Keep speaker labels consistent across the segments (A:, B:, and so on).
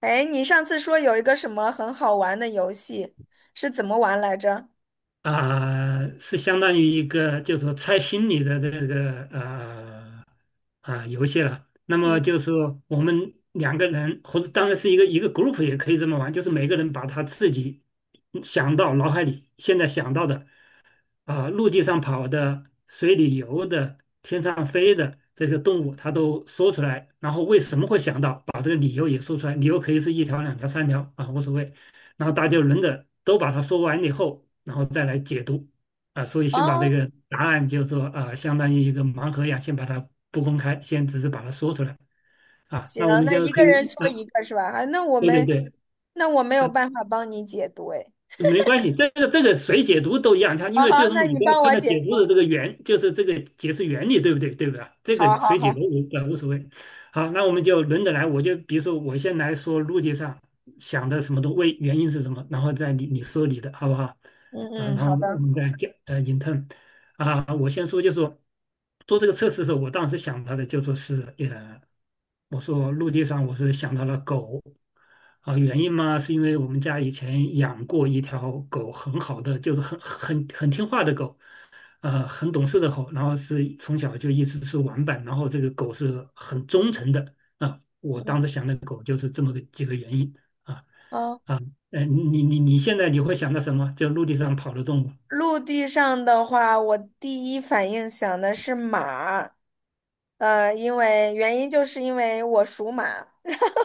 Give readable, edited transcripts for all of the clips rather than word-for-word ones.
A: 哎，你上次说有一个什么很好玩的游戏，是怎么玩来着？
B: 是相当于一个就是说猜心理的这个游戏了。那么
A: 嗯。
B: 就是说我们两个人，或者当然是一个一个 group 也可以这么玩，就是每个人把他自己想到脑海里现在想到的，陆地上跑的、水里游的、天上飞的这个动物，它都说出来。然后为什么会想到把这个理由也说出来？理由可以是一条、两条、三条啊，无所谓。然后大家轮着都把它说完以后，然后再来解读。所以先把这
A: 哦，
B: 个答案，就是说啊，相当于一个盲盒一样，先把它不公开，先只是把它说出来。
A: 行，
B: 那我们
A: 那
B: 现在
A: 一
B: 可
A: 个人
B: 以，
A: 说一个是吧？啊，那我
B: 对对
A: 们
B: 对。
A: 那我没有
B: 啊
A: 办法帮你解读，哎，
B: 没关系，这个谁解读都一样，它因
A: 好
B: 为最
A: 好，
B: 终
A: 那
B: 你
A: 你
B: 都要
A: 帮
B: 看
A: 我
B: 它
A: 解
B: 解读的
A: 读，
B: 这个原，就是这个解释原理，对不对？对不对？这个
A: 好好
B: 谁解读
A: 好，
B: 无所谓。好，那我们就轮着来，我就比如说我先来说逻辑上想的什么都为原因是什么，然后再你说你的好不好？
A: 嗯
B: 啊，然
A: 嗯，
B: 后
A: 好
B: 我
A: 的，
B: 们再讲in t e r n， 我先说就说做这个测试的时候，我当时想到的就说是。我说陆地上，我是想到了狗，啊，原因嘛，是因为我们家以前养过一条狗，很好的，就是很听话的狗，很懂事的狗，然后是从小就一直是玩伴，然后这个狗是很忠诚的，啊，我当
A: 嗯。
B: 时想的狗就是这么个几个原因。啊
A: 哦，
B: 啊，呃，你你你现在你会想到什么？就陆地上跑的动物。
A: 陆地上的话，我第一反应想的是马，因为原因就是因为我属马，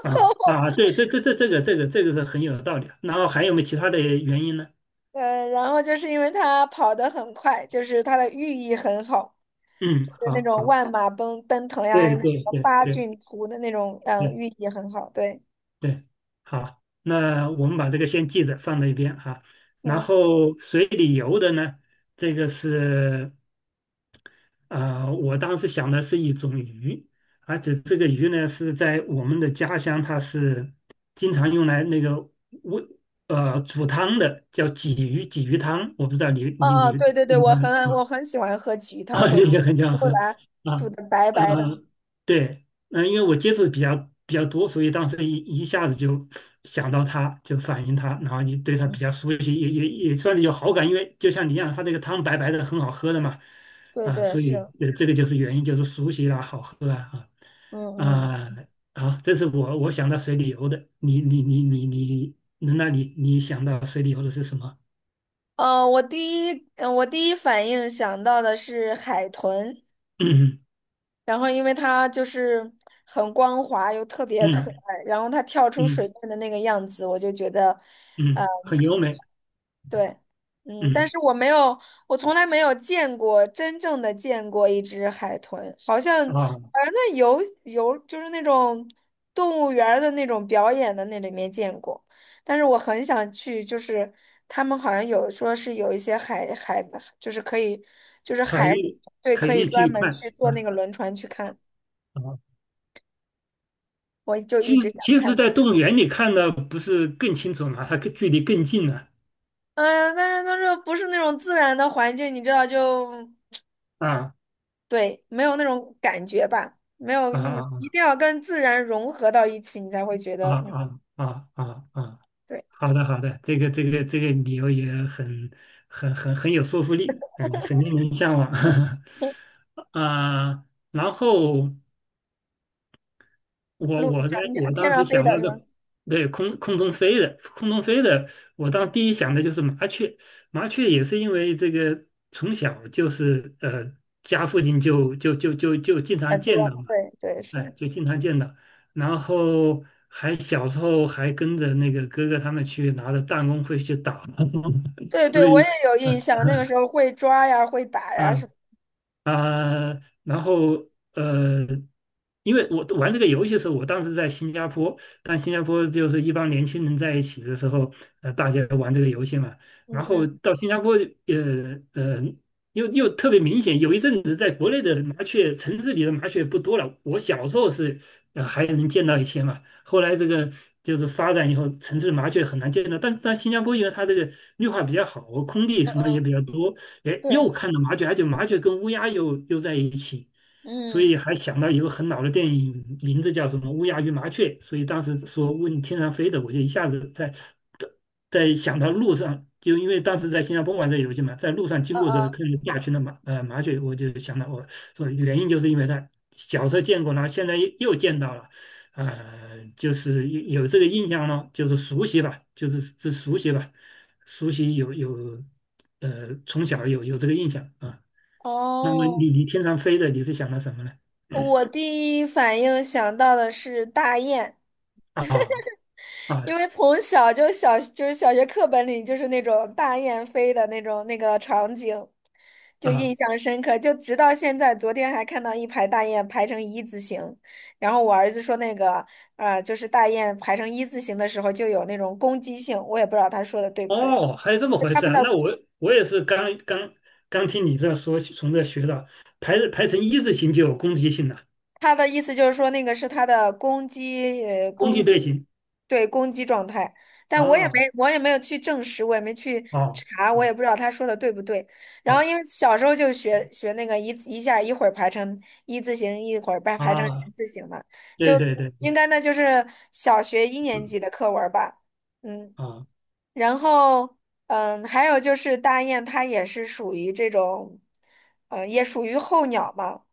B: 啊对，这个是很有道理的，然后还有没有其他的原因呢？
A: 然后就是因为它跑得很快，就是它的寓意很好。
B: 嗯，
A: 就那
B: 好
A: 种
B: 好。
A: 万马奔腾呀，还有
B: 对
A: 那
B: 对
A: 个
B: 对
A: 八
B: 对
A: 骏图的那种，嗯，
B: 对
A: 寓意很好。对，
B: 对，好，那我们把这个先记着放在一边哈。然
A: 嗯。
B: 后水里游的呢，这个是我当时想的是一种鱼，而且这个鱼呢是在我们的家乡，它是经常用来那个煨煮汤的，叫鲫鱼，鲫鱼汤。我不知道你
A: 哦
B: 你
A: 哦，
B: 你
A: 对对对，
B: 你
A: 我
B: 们。
A: 很
B: 嗯
A: 我很喜欢喝鲫鱼 汤，
B: 啊，
A: 会
B: 也很欢
A: 会
B: 喝
A: 把它煮
B: 啊，
A: 的白白的。
B: 呃，因为我接触的比较多，所以当时一下子就想到他，就反映他，然后你对他
A: 嗯，
B: 比较熟悉，也算是有好感，因为就像你一样，他这个汤白白的，很好喝的嘛，
A: 对对
B: 所以
A: 是，
B: 这个就是原因，就是熟悉啦，好喝啊。
A: 嗯
B: 啊
A: 嗯。
B: 啊，好，这是我我想到水里游的，你你你你你，那你想到水里游的是什么？
A: 我第一反应想到的是海豚，
B: 嗯
A: 然后因为它就是很光滑又特别可
B: 嗯
A: 爱，然后它跳出水
B: 嗯
A: 面的那个样子，我就觉得，嗯、
B: 嗯，很优美。
A: 对，嗯，但
B: 嗯
A: 是我没有，我从来没有见过真正的见过一只海豚，好像，
B: 啊。
A: 那游就是那种动物园儿的那种表演的那里面见过，但是我很想去，就是他们好像有说是有一些海，就是可以，就是
B: 海
A: 海里，
B: 域
A: 对，
B: 可
A: 可以
B: 以
A: 专
B: 去
A: 门
B: 看
A: 去坐那个
B: 啊
A: 轮船去看，
B: 啊！
A: 我就一
B: 其实
A: 直想
B: 其实，
A: 看，
B: 在动物园里看的不是更清楚吗？它更距离更近了。
A: 嗯，但是它这不是那种自然的环境，你知道就。
B: 啊
A: 对，没有那种感觉吧，没有，
B: 啊
A: 你一
B: 啊
A: 定要跟自然融合到一起，你才会觉
B: 啊
A: 得，嗯，
B: 啊啊啊啊！
A: 对。
B: 好的好的，这个这个这个理由也很很有说服力，嗯，很令人向往 啊。然后我
A: 陆地
B: 我的
A: 上、你
B: 我
A: 天
B: 当时
A: 上飞
B: 想
A: 的
B: 到
A: 是吧？
B: 的，对空空中飞的，我当第一想的就是麻雀，麻雀也是因为这个从小家附近就经常
A: 很
B: 见
A: 多，
B: 到嘛，
A: 对对是，
B: 哎，就经常见到，然后还小时候还跟着那个哥哥他们去拿着弹弓会去打，
A: 对
B: 所
A: 对，我也
B: 以。
A: 有印象，那个时候会抓呀，会打呀，
B: 啊，
A: 是，
B: 啊、然后呃，因为我玩这个游戏的时候，我当时在新加坡，但新加坡就是一帮年轻人在一起的时候，大家玩这个游戏嘛。然
A: 嗯
B: 后
A: 嗯，
B: 到新加坡，呃呃，又又特别明显，有一阵子在国内的麻雀，城市里的麻雀不多了。我小时候是还能见到一些嘛，后来这个就是发展以后，城市的麻雀很难见到。但是在新加坡，因为它这个绿化比较好，空地什么也比较多，哎，又
A: 对，
B: 看到麻雀，而且麻雀跟乌鸦又在一起，所
A: 嗯，
B: 以还想到一个很老的电影，名字叫什么《乌鸦与麻雀》，所以当时说问天上飞的，我就一下子在在想到路上，就因为当时在新加坡玩这个游戏嘛，在路上经
A: 啊
B: 过的时候
A: 啊。
B: 看见大群的麻雀，我就想到我说原因就是因为它小时候见过，然后现在又见到了。就是有这个印象了，就是熟悉吧，就是是熟悉吧。熟悉有有，呃，从小有这个印象啊。那么
A: 哦，
B: 你天上飞的，你是想到什么呢？
A: 我第一反应想到的是大雁。
B: 啊啊
A: 因为从小就是小学课本里就是那种大雁飞的那种那个场景，就印
B: 啊！
A: 象深刻。就直到现在，昨天还看到一排大雁排成一字形，然后我儿子说那个就是大雁排成一字形的时候就有那种攻击性，我也不知道他说的对不对。
B: 哦，还有这么回
A: 他
B: 事
A: 们
B: 啊？
A: 的
B: 那我我也是刚刚听你这说，从这学到排排成一字形就有攻击性了，
A: 他的意思就是说，那个是他的攻击，
B: 攻击队形。
A: 对，攻击状态。但我也
B: 啊
A: 没，我也没有去证实，我也没去
B: 啊
A: 查，我也
B: 啊
A: 不知道他说的对不对。然
B: 哦
A: 后因为小时候就学那个一字一下，一会儿排成一字形，一会儿排成
B: 啊！
A: 人字形嘛，
B: 对
A: 就
B: 对对。
A: 应该那就是小学一年
B: 嗯
A: 级的课文儿吧。嗯，
B: 啊
A: 然后嗯，还有就是大雁，它也是属于这种，也属于候鸟嘛。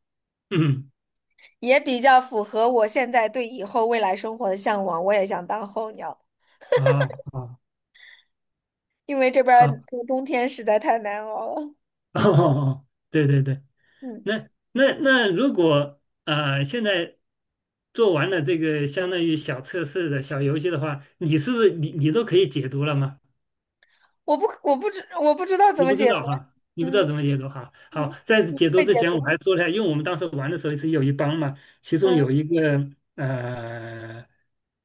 B: 嗯
A: 也比较符合我现在对以后未来生活的向往。我也想当候鸟，
B: 啊啊
A: 因为这边
B: 好，
A: 儿过冬天实在太难熬了。
B: 哦，对对对。
A: 嗯。
B: 那那那如果现在做完了这个相当于小测试的小游戏的话，你是不是你你都可以解读了吗？
A: 我不知道怎
B: 你
A: 么
B: 不知
A: 解读。
B: 道哈，你不知道
A: 嗯
B: 怎么解读哈。好，
A: 嗯，
B: 在
A: 你
B: 解读
A: 会解
B: 之前我
A: 读？
B: 还说了一下因为我们当时玩的时候是有一帮嘛，其中
A: 嗯，
B: 有一个呃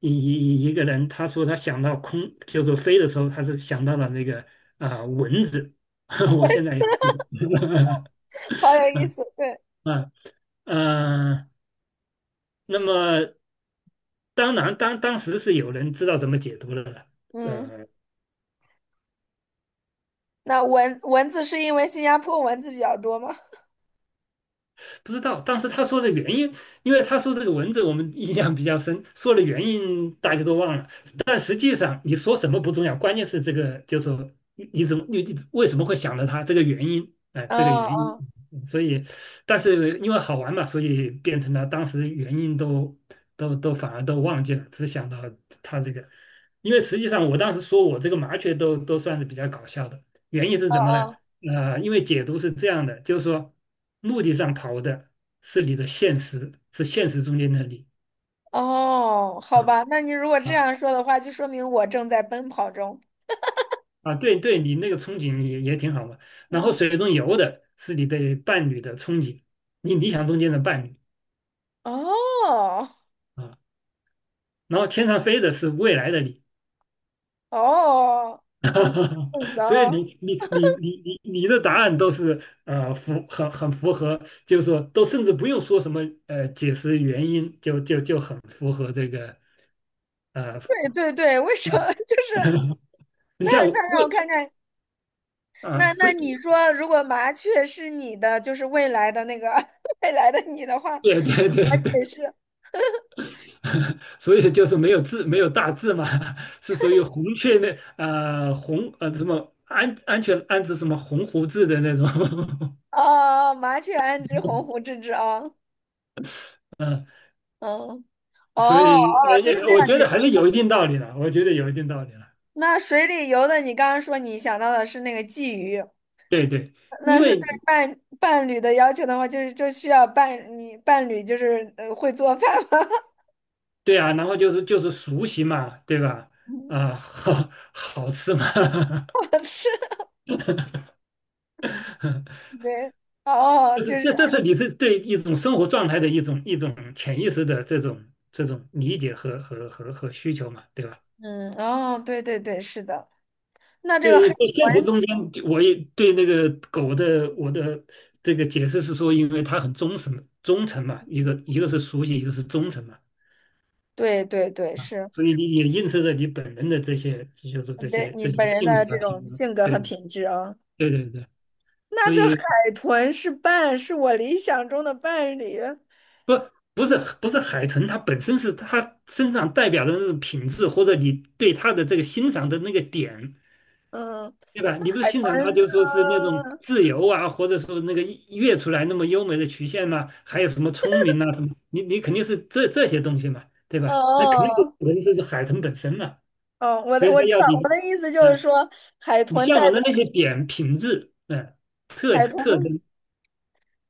B: 一个人，他说他想到空，就是飞的时候，他是想到了那个蚊子。我现在也是，
A: 好有
B: 啊
A: 意思。对，
B: 啊。呃，那么当然，当时是有人知道怎么解读了的。
A: 嗯。
B: 呃，
A: 那蚊子是因为新加坡蚊子比较多吗？
B: 不知道。当时他说的原因，因为他说这个文字我们印象比较深，说的原因大家都忘了。但实际上你说什么不重要，关键是这个，就是说你为什么会想到他这个原因，这个
A: 嗯，
B: 原因。
A: 嗯，
B: 嗯所以，但是因为好玩嘛，所以变成了当时原因都反而都忘记了，只想到他这个。因为实际上我当时说我这个麻雀都算是比较搞笑的。原因是什么呢？
A: 嗯，
B: 因为解读是这样的，就是说，陆地上跑的是你的现实，是现实中间的你。
A: 嗯。哦，
B: 啊
A: 好吧，那你如果这
B: 啊
A: 样说的话，就说明我正在奔跑中。
B: 对对，你那个憧憬也也挺好嘛。然后
A: 嗯。
B: 水中游的是你对伴侣的憧憬，你理想中间的伴侣
A: 哦
B: 啊。然后天上飞的是未来的你，
A: 哦，很
B: 所以
A: 骚。
B: 你的答案都是符很很符合，就是说都甚至不用说什么解释原因，就很符合这个呃。
A: 对对对，为什么？就是
B: 你
A: 那
B: 像
A: 那让我
B: 胃，
A: 看看。
B: 啊，
A: 那
B: 所
A: 那
B: 以
A: 你说，如果麻雀是你的，就是未来的那个 未来的你的话，怎
B: 对对
A: 么
B: 对对，
A: 解释？
B: 所以就是没有字，没有大字嘛，是属于红雀那红啊什么安置什么红胡子的那种，
A: 哦，麻雀安知鸿鹄之志啊？
B: 嗯、
A: 嗯，
B: 所
A: 哦哦，
B: 以
A: 就是那
B: 我
A: 样
B: 觉得
A: 解。
B: 还是有一定道理的，我觉得有一定道理了，
A: 那水里游的，你刚刚说你想到的是那个鲫鱼，
B: 对对，
A: 那
B: 因
A: 是
B: 为
A: 对伴侣的要求的话，就是就需要伴你伴侣就是会做饭吗？
B: 对啊，然后就是熟悉嘛，对 吧？
A: 是，
B: 好好吃嘛，
A: 我吃 对，哦哦，就是。
B: 这是你是对一种生活状态的一种潜意识的这种理解和需求嘛，对吧？
A: 嗯，哦，对对对，是的。那这
B: 对
A: 个海
B: 对，在现实
A: 豚，
B: 中间我也对那个狗的我的这个解释是说，因为它很忠诚嘛，一个一个是熟悉，一个是忠诚嘛，
A: 对对对，
B: 啊，
A: 是
B: 所以你也映射着你本人的这些就是这
A: 对
B: 些
A: 你
B: 这些
A: 本人
B: 性
A: 的
B: 格
A: 这
B: 啊
A: 种
B: 品格，
A: 性格
B: 对
A: 和
B: 对
A: 品质啊。
B: 对对对，
A: 那
B: 所
A: 这
B: 以
A: 海豚是伴，是我理想中的伴侣。
B: 不，不是海豚，它本身是它身上代表的那种品质，或者你对它的这个欣赏的那个点，
A: 嗯，
B: 对吧？
A: 那
B: 你不是
A: 海
B: 欣赏它，
A: 豚，
B: 就说是那种自由啊，或者说那个跃出来那么优美的曲线嘛，还有什么聪明啊什么，你你肯定是这这些东西嘛，对
A: 哦
B: 吧？那肯定
A: 哦，
B: 不肯定是海豚本身嘛，
A: 哦我
B: 所
A: 的
B: 以
A: 我
B: 它
A: 知
B: 要
A: 道，
B: 你，
A: 我的意思就是
B: 嗯，
A: 说，海
B: 你
A: 豚代
B: 向往
A: 表
B: 的那些点品质，嗯，
A: 海豚的
B: 特征。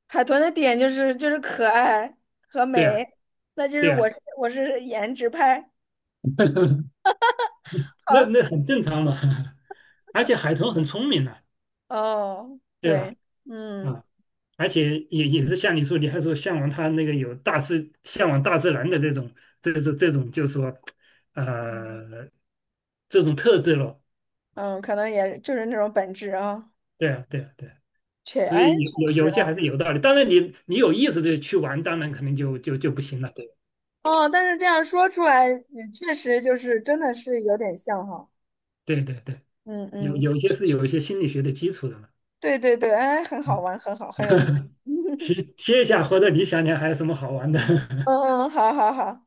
A: 海豚的点就是就是可爱和
B: 对啊，
A: 美，那就是
B: 对啊，
A: 我是颜值派。
B: 那
A: 好。
B: 那很正常嘛，而且海豚很聪明的。
A: 哦，
B: 对吧？
A: 对，嗯。
B: 啊，而且也也是像你说，你还说向往他那个有大自向往大自然的这种这种，就是说，
A: 嗯
B: 呃，这种特质咯。
A: 嗯，可能也就是那种本质啊，
B: 对啊，对啊，对啊，所以有
A: 确
B: 有
A: 实
B: 有些
A: 啊，
B: 还是有道理。当然你，你有意识的去玩，当然可能就就就不行了。对
A: 哦，但是这样说出来，嗯确实就是真的是有点像哈，
B: 对对对，
A: 嗯
B: 有
A: 嗯，
B: 有些是有一些心理学的基础的嘛。
A: 对对对，哎，很好
B: 嗯，
A: 玩，很好，很有意思，
B: 歇一下，或者你想想还有什么好玩的？
A: 嗯 嗯，好好好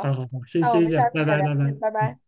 B: 好好好，先
A: 那我
B: 歇
A: 们
B: 一下，
A: 下次
B: 拜
A: 再
B: 拜
A: 聊，
B: 拜拜。
A: 嗯，拜
B: 嗯。
A: 拜。